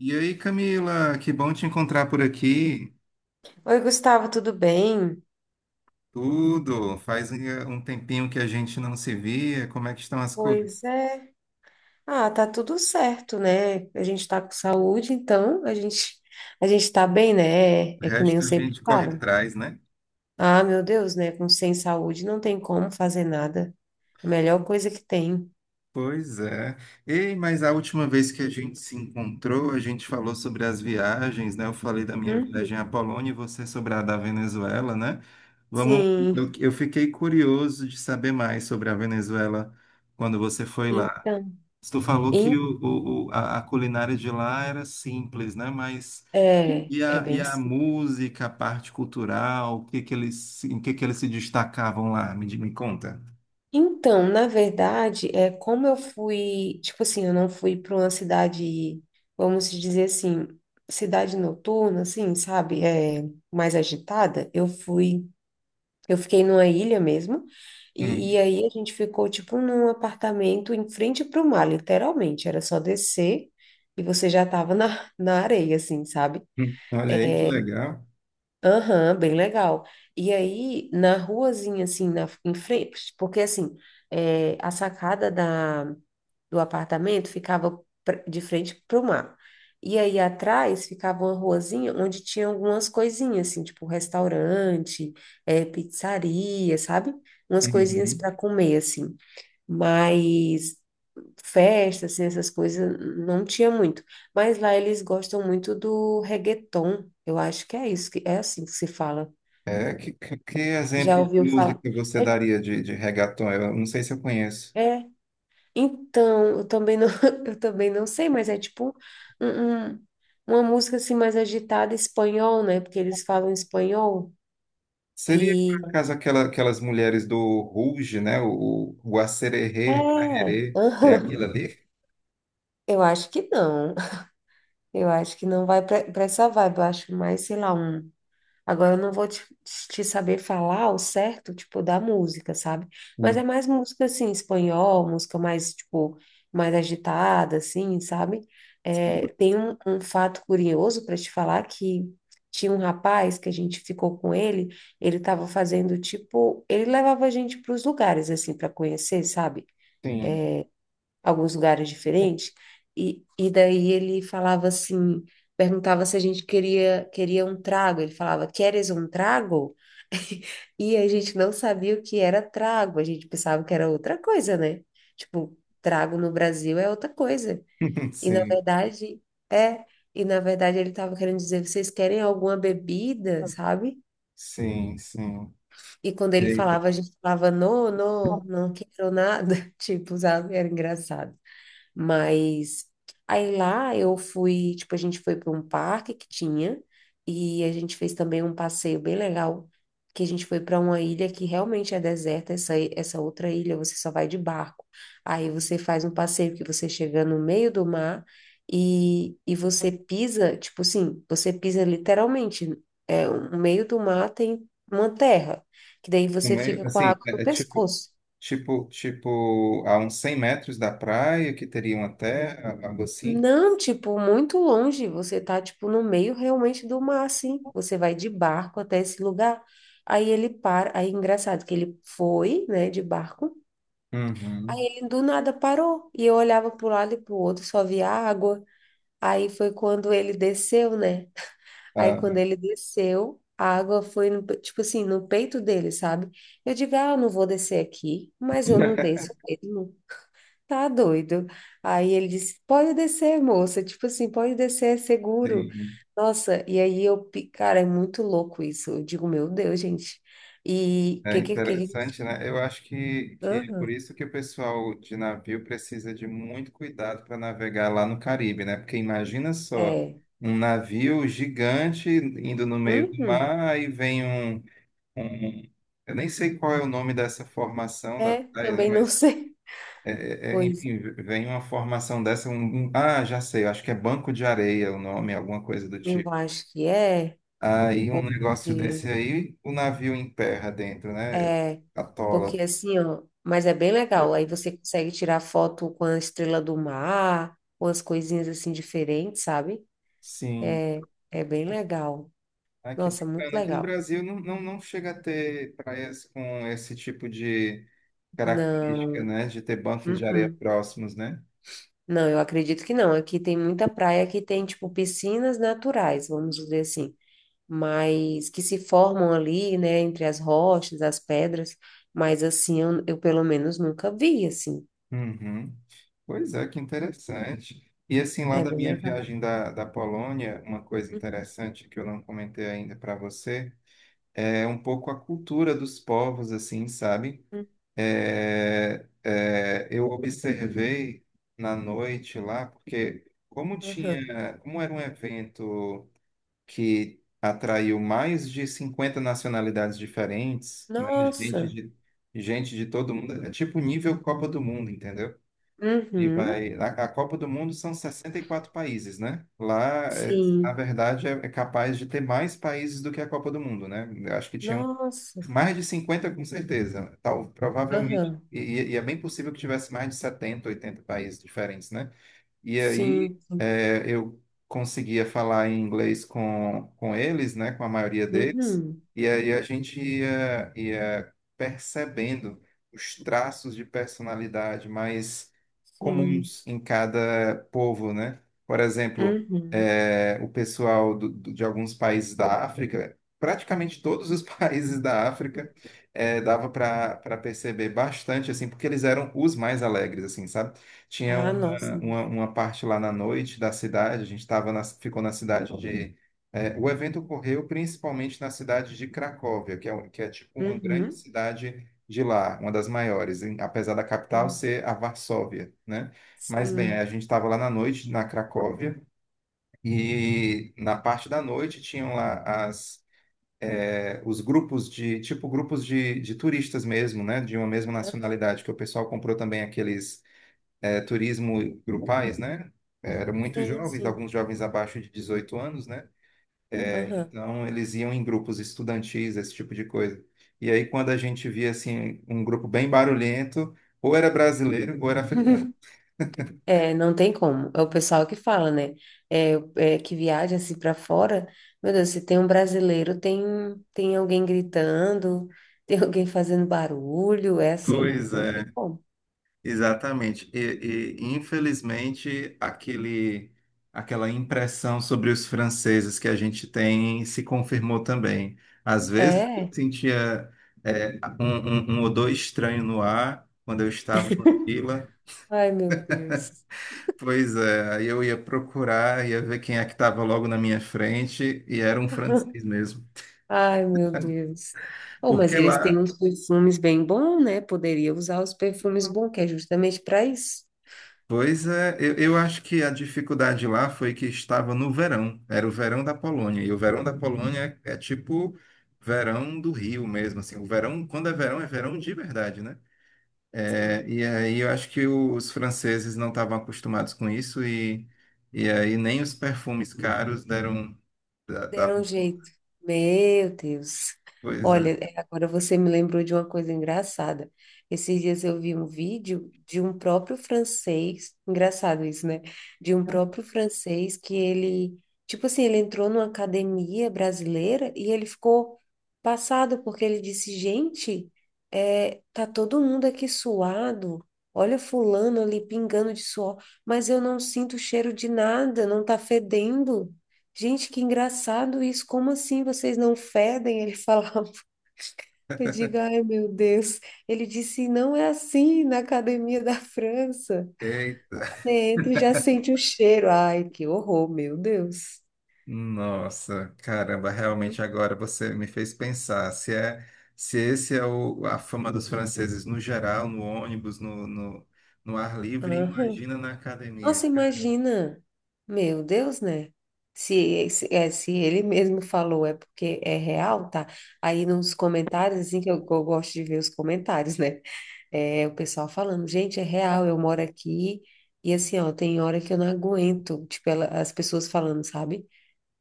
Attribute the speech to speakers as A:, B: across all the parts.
A: E aí, Camila, que bom te encontrar por aqui.
B: Oi, Gustavo, tudo bem?
A: Tudo. Faz um tempinho que a gente não se via. Como é que estão as coisas?
B: Pois é. Ah, tá tudo certo, né? A gente tá com saúde, então a gente tá bem, né? É,
A: O
B: é que nem eu
A: resto a
B: sempre
A: gente corre
B: falo.
A: atrás, né?
B: Ah, meu Deus, né? Com sem saúde não tem como fazer nada. A melhor coisa que tem.
A: Pois é. Ei, mas a última vez que a gente se encontrou, a gente falou sobre as viagens, né? Eu falei da minha
B: Uhum.
A: viagem à Polônia e você sobre a da Venezuela, né? Vamos,
B: Sim.
A: eu fiquei curioso de saber mais sobre a Venezuela quando você foi lá.
B: Então,
A: Tu falou que
B: em-
A: a culinária de lá era simples, né? Mas
B: é,
A: E
B: é
A: a, e
B: bem.
A: a música, a parte cultural, o que que eles, se- em que eles se destacavam lá? Me conta.
B: Então, na verdade, é como eu fui, tipo assim, eu não fui para uma cidade, vamos dizer assim, cidade noturna, assim, sabe, é mais agitada. Eu fui, eu fiquei numa ilha mesmo, e,
A: Hum,
B: e aí a gente ficou tipo num apartamento em frente para o mar, literalmente. Era só descer e você já estava na, na areia, assim, sabe?
A: Olha aí que legal.
B: Aham, bem legal. E aí na ruazinha, assim, na, em frente, porque assim, é, a sacada da do apartamento ficava pra- de frente para o mar. E aí atrás ficava uma ruazinha onde tinha algumas coisinhas, assim, tipo restaurante, pizzaria, sabe? Umas coisinhas
A: Uhum.
B: para comer, assim. Mas festas, assim, essas coisas não tinha muito. Mas lá eles gostam muito do reggaeton. Eu acho que é isso, que é assim que se fala.
A: É, que
B: Já
A: exemplo de
B: ouviu
A: música
B: falar?
A: você
B: É,
A: daria de reggaeton? Eu não sei se eu conheço.
B: é, então, eu também não, eu também não sei, mas é tipo um, um- uma música assim mais agitada espanhol, né? Porque eles falam espanhol
A: Seria,
B: e
A: por acaso, aquelas mulheres do Rouge, né? O Acererê,
B: é,
A: Arerê, é
B: aham.
A: aquilo ali?
B: Eu acho que não. Eu acho que não vai para essa vibe. Eu acho mais, sei lá, um. Agora eu não vou te, saber falar o certo, tipo, da música, sabe? Mas
A: Hum.
B: é mais música, assim, espanhol, música mais, tipo, mais agitada, assim, sabe? É, tem um fato curioso para te falar que tinha um rapaz que a gente ficou com ele, ele tava fazendo, tipo, ele levava a gente para os lugares, assim, para conhecer, sabe?
A: Sim,
B: Alguns lugares diferentes. E daí ele falava assim, perguntava se a gente queria um trago. Ele falava, queres um trago? E a gente não sabia o que era trago, a gente pensava que era outra coisa, né? Tipo, trago no Brasil é outra coisa. E na
A: sim,
B: verdade, é. E na verdade ele estava querendo dizer, vocês querem alguma bebida, sabe?
A: sim, sim.
B: E quando ele
A: Eita,
B: falava, a gente falava, não, não, não quero nada. Tipo, sabe? Era engraçado. Mas aí lá eu fui, tipo, a gente foi para um parque que tinha e a gente fez também um passeio bem legal, que a gente foi para uma ilha que realmente é deserta, essa, essa outra ilha você só vai de barco. Aí você faz um passeio que você chega no meio do mar e você pisa, tipo assim, você pisa literalmente, é, no meio do mar tem uma terra, que daí você
A: também,
B: fica com a
A: assim,
B: água no
A: é tipo.
B: pescoço.
A: Tipo, a uns 100 metros da praia, que teria uma terra, algo assim.
B: Não, tipo, muito longe. Você tá, tipo, no meio realmente do mar, assim. Você vai de barco até esse lugar. Aí ele para. Aí, é engraçado que ele foi, né, de barco. Aí
A: Uhum.
B: ele do nada parou. E eu olhava pro lado e pro outro, só via água. Aí foi quando ele desceu, né? Aí
A: Ah,
B: quando ele desceu, a água foi, no pe- tipo assim, no peito dele, sabe? Eu digo, ah, eu não vou descer aqui, mas eu não desço mesmo. Tá doido. Aí ele disse: pode descer, moça. Tipo assim, pode descer, é seguro.
A: sim.
B: Nossa, e aí eu, pi- cara, é muito louco isso. Eu digo: Meu Deus, gente. E
A: É
B: que.
A: interessante, né? Eu acho que é por
B: Aham,
A: isso que o pessoal de navio precisa de muito cuidado para navegar lá no Caribe, né? Porque imagina só,
B: é.
A: um navio gigante indo no meio do
B: Uhum.
A: mar, aí vem um. Eu nem sei qual é o nome dessa formação da
B: É,
A: praia, né?
B: também não sei.
A: É,
B: Pois é,
A: enfim, vem uma formação dessa, ah, já sei, eu acho que é Banco de Areia o nome, alguma coisa do
B: eu
A: tipo.
B: acho que
A: Aí um negócio
B: porque
A: desse aí, o navio emperra dentro, né?
B: é,
A: Atola.
B: porque assim, ó, mas é bem legal. Aí você consegue tirar foto com a estrela do mar, com as coisinhas assim diferentes, sabe?
A: Sim.
B: É bem legal.
A: Ah, que
B: Nossa, muito
A: bacana. Aqui no
B: legal.
A: Brasil não, não, não chega a ter praias com esse tipo de
B: Não,
A: característica, né? De ter bancos de areia
B: uh-uh.
A: próximos, né?
B: Não, eu acredito que não. Aqui tem muita praia que tem, tipo, piscinas naturais, vamos dizer assim, mas que se formam ali, né, entre as rochas, as pedras, mas assim, eu, pelo menos nunca vi, assim.
A: Uhum. Pois é, que interessante. E assim, lá
B: É
A: da
B: bem
A: minha
B: legal.
A: viagem da Polônia, uma coisa interessante que eu não comentei ainda para você é um pouco a cultura dos povos, assim, sabe?
B: Uhum,
A: Eu observei na noite lá, porque como
B: aham.
A: tinha, como era um evento que atraiu mais de 50 nacionalidades diferentes, né? Gente
B: Nossa,
A: de, gente de todo mundo, é tipo nível Copa do Mundo, entendeu? E
B: uhum,
A: vai, a, a Copa do Mundo são 64 países, né? Lá, é, na
B: sim,
A: verdade, é capaz de ter mais países do que a Copa do Mundo, né? Eu acho que tinham
B: nossa,
A: mais de 50 com certeza. Tal,
B: aham,
A: provavelmente, e é bem possível que tivesse mais de 70, 80 países diferentes, né? E aí
B: sim, sim,
A: eu conseguia falar em inglês com eles, né, com a maioria deles,
B: uhum,
A: e aí a gente ia percebendo os traços de personalidade mais
B: sim,
A: comuns em cada povo, né? Por exemplo,
B: uhum.
A: o pessoal de alguns países da África, praticamente todos os países da África, dava para perceber bastante, assim, porque eles eram os mais alegres, assim, sabe? Tinha
B: Ah, nossa,
A: uma parte lá na noite da cidade, a gente ficou na cidade de. O evento ocorreu principalmente na cidade de Cracóvia, que é tipo uma grande
B: uhum,
A: cidade de lá, uma das maiores, apesar da capital
B: uhum.
A: ser a Varsóvia, né? Mas bem,
B: Sim.
A: a gente estava lá na noite na Cracóvia e na parte da noite tinham lá os grupos de turistas mesmo, né? De uma mesma nacionalidade, que o pessoal comprou também aqueles turismo grupais, né? Eram muito
B: Sim,
A: jovens,
B: sim.
A: alguns jovens abaixo de 18 anos, né? É,
B: Aham.
A: então, eles iam em grupos estudantis, esse tipo de coisa. E aí, quando a gente via, assim, um grupo bem barulhento, ou era brasileiro ou era africano.
B: É, não tem como. É o pessoal que fala, né? É que viaja assim para fora. Meu Deus, se tem um brasileiro, tem alguém gritando, tem alguém fazendo barulho. É assim,
A: Pois
B: não tem
A: é.
B: como.
A: Exatamente. E, infelizmente, aquela impressão sobre os franceses que a gente tem se confirmou também. Às vezes eu
B: É.
A: sentia um odor estranho no ar quando eu estava em uma fila.
B: Ai, meu Deus.
A: Pois é, aí eu ia procurar, ia ver quem é que estava logo na minha frente e era um francês mesmo.
B: Ai, meu Deus. Oh, mas
A: Porque
B: eles têm
A: lá,
B: uns perfumes bem bons, né? Poderia usar os perfumes bons, que é justamente para isso.
A: pois é, eu acho que a dificuldade lá foi que estava no verão, era o verão da Polônia, e o verão da Polônia é tipo verão do Rio mesmo, assim, o verão, quando é verão de verdade, né? É, e aí eu acho que os franceses não estavam acostumados com isso, e aí nem os perfumes caros deram... Da, da,
B: Deram um jeito. Meu Deus.
A: Pois
B: Olha, é, agora você me lembrou de uma coisa engraçada. Esses dias eu vi um vídeo de um próprio francês, engraçado isso, né? De um próprio francês que ele, tipo assim, ele entrou numa academia brasileira e ele ficou passado porque ele disse: gente, é, tá todo mundo aqui suado. Olha fulano ali pingando de suor, mas eu não sinto cheiro de nada, não tá fedendo. Gente, que engraçado isso. Como assim vocês não fedem? Ele falava. Eu digo, ai, meu Deus. Ele disse, não é assim na academia da França.
A: é,
B: Você entra e já sente o cheiro. Ai, que horror, meu Deus.
A: nossa, caramba, realmente agora você me fez pensar se é se esse é a fama dos franceses no geral, no ônibus, no ar livre,
B: Aham.
A: imagina na academia.
B: Nossa, imagina. Meu Deus, né? Se ele mesmo falou, é porque é real, tá? Aí nos comentários, assim, que eu, gosto de ver os comentários, né? É, o pessoal falando, gente, é real, eu moro aqui e assim, ó, tem hora que eu não aguento, tipo, as pessoas falando, sabe?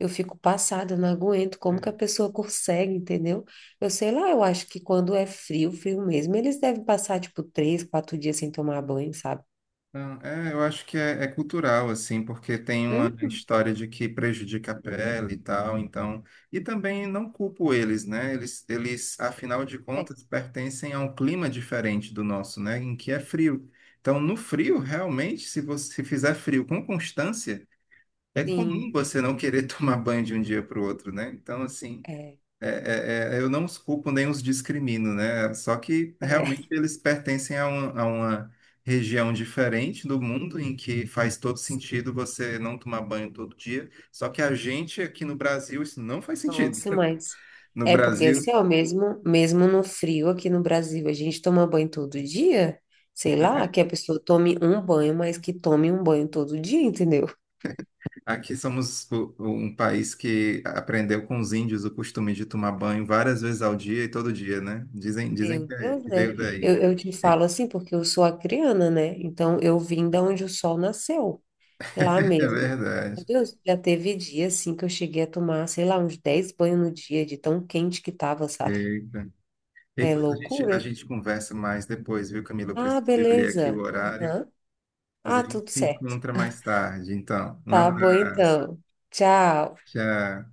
B: Eu fico passada, eu não aguento, como
A: É.
B: que a pessoa consegue, entendeu? Eu sei lá, eu acho que quando é frio, frio mesmo, eles devem passar, tipo, 3, 4 dias sem tomar banho, sabe?
A: Não, eu acho que é cultural, assim, porque tem uma
B: Hum,
A: história de que prejudica a pele e tal, então. E também não culpo eles, né? Eles, afinal de
B: é,
A: contas, pertencem a um clima diferente do nosso, né? Em que é frio. Então, no frio, realmente, se você se fizer frio com constância, é
B: sim,
A: comum você não querer tomar banho de um dia para o outro, né? Então, assim,
B: é,
A: eu não os culpo nem os discrimino, né? Só que
B: é,
A: realmente eles pertencem a uma região diferente do mundo em que faz todo sentido
B: sim.
A: você não tomar banho todo dia. Só que a gente aqui no Brasil, isso não faz sentido.
B: Nossa, mas
A: No
B: é porque
A: Brasil,
B: assim, ó, mesmo, mesmo no frio aqui no Brasil, a gente toma banho todo dia, sei lá, que a pessoa tome um banho, mas que tome um banho todo dia, entendeu?
A: aqui somos um país que aprendeu com os índios o costume de tomar banho várias vezes ao dia e todo dia, né? Dizem,
B: Meu
A: que
B: Deus,
A: que
B: né?
A: veio daí.
B: Eu, eu te falo assim porque eu sou acriana, né? Então eu vim da onde o sol nasceu, lá
A: É
B: mesmo. Meu
A: verdade.
B: Deus, já teve dia assim que eu cheguei a tomar, sei lá, uns 10 banhos no dia de tão quente que tava, sabe?
A: Eita. E
B: É
A: depois a gente, a
B: loucura.
A: gente conversa mais depois, viu, Camila? Eu
B: Ah,
A: preciso olhar aqui o
B: beleza.
A: horário.
B: Aham.
A: Depois
B: Ah,
A: a gente
B: tudo
A: se
B: certo.
A: encontra mais tarde. Então, um
B: Tá bom,
A: abraço.
B: então. Tchau.
A: Tchau.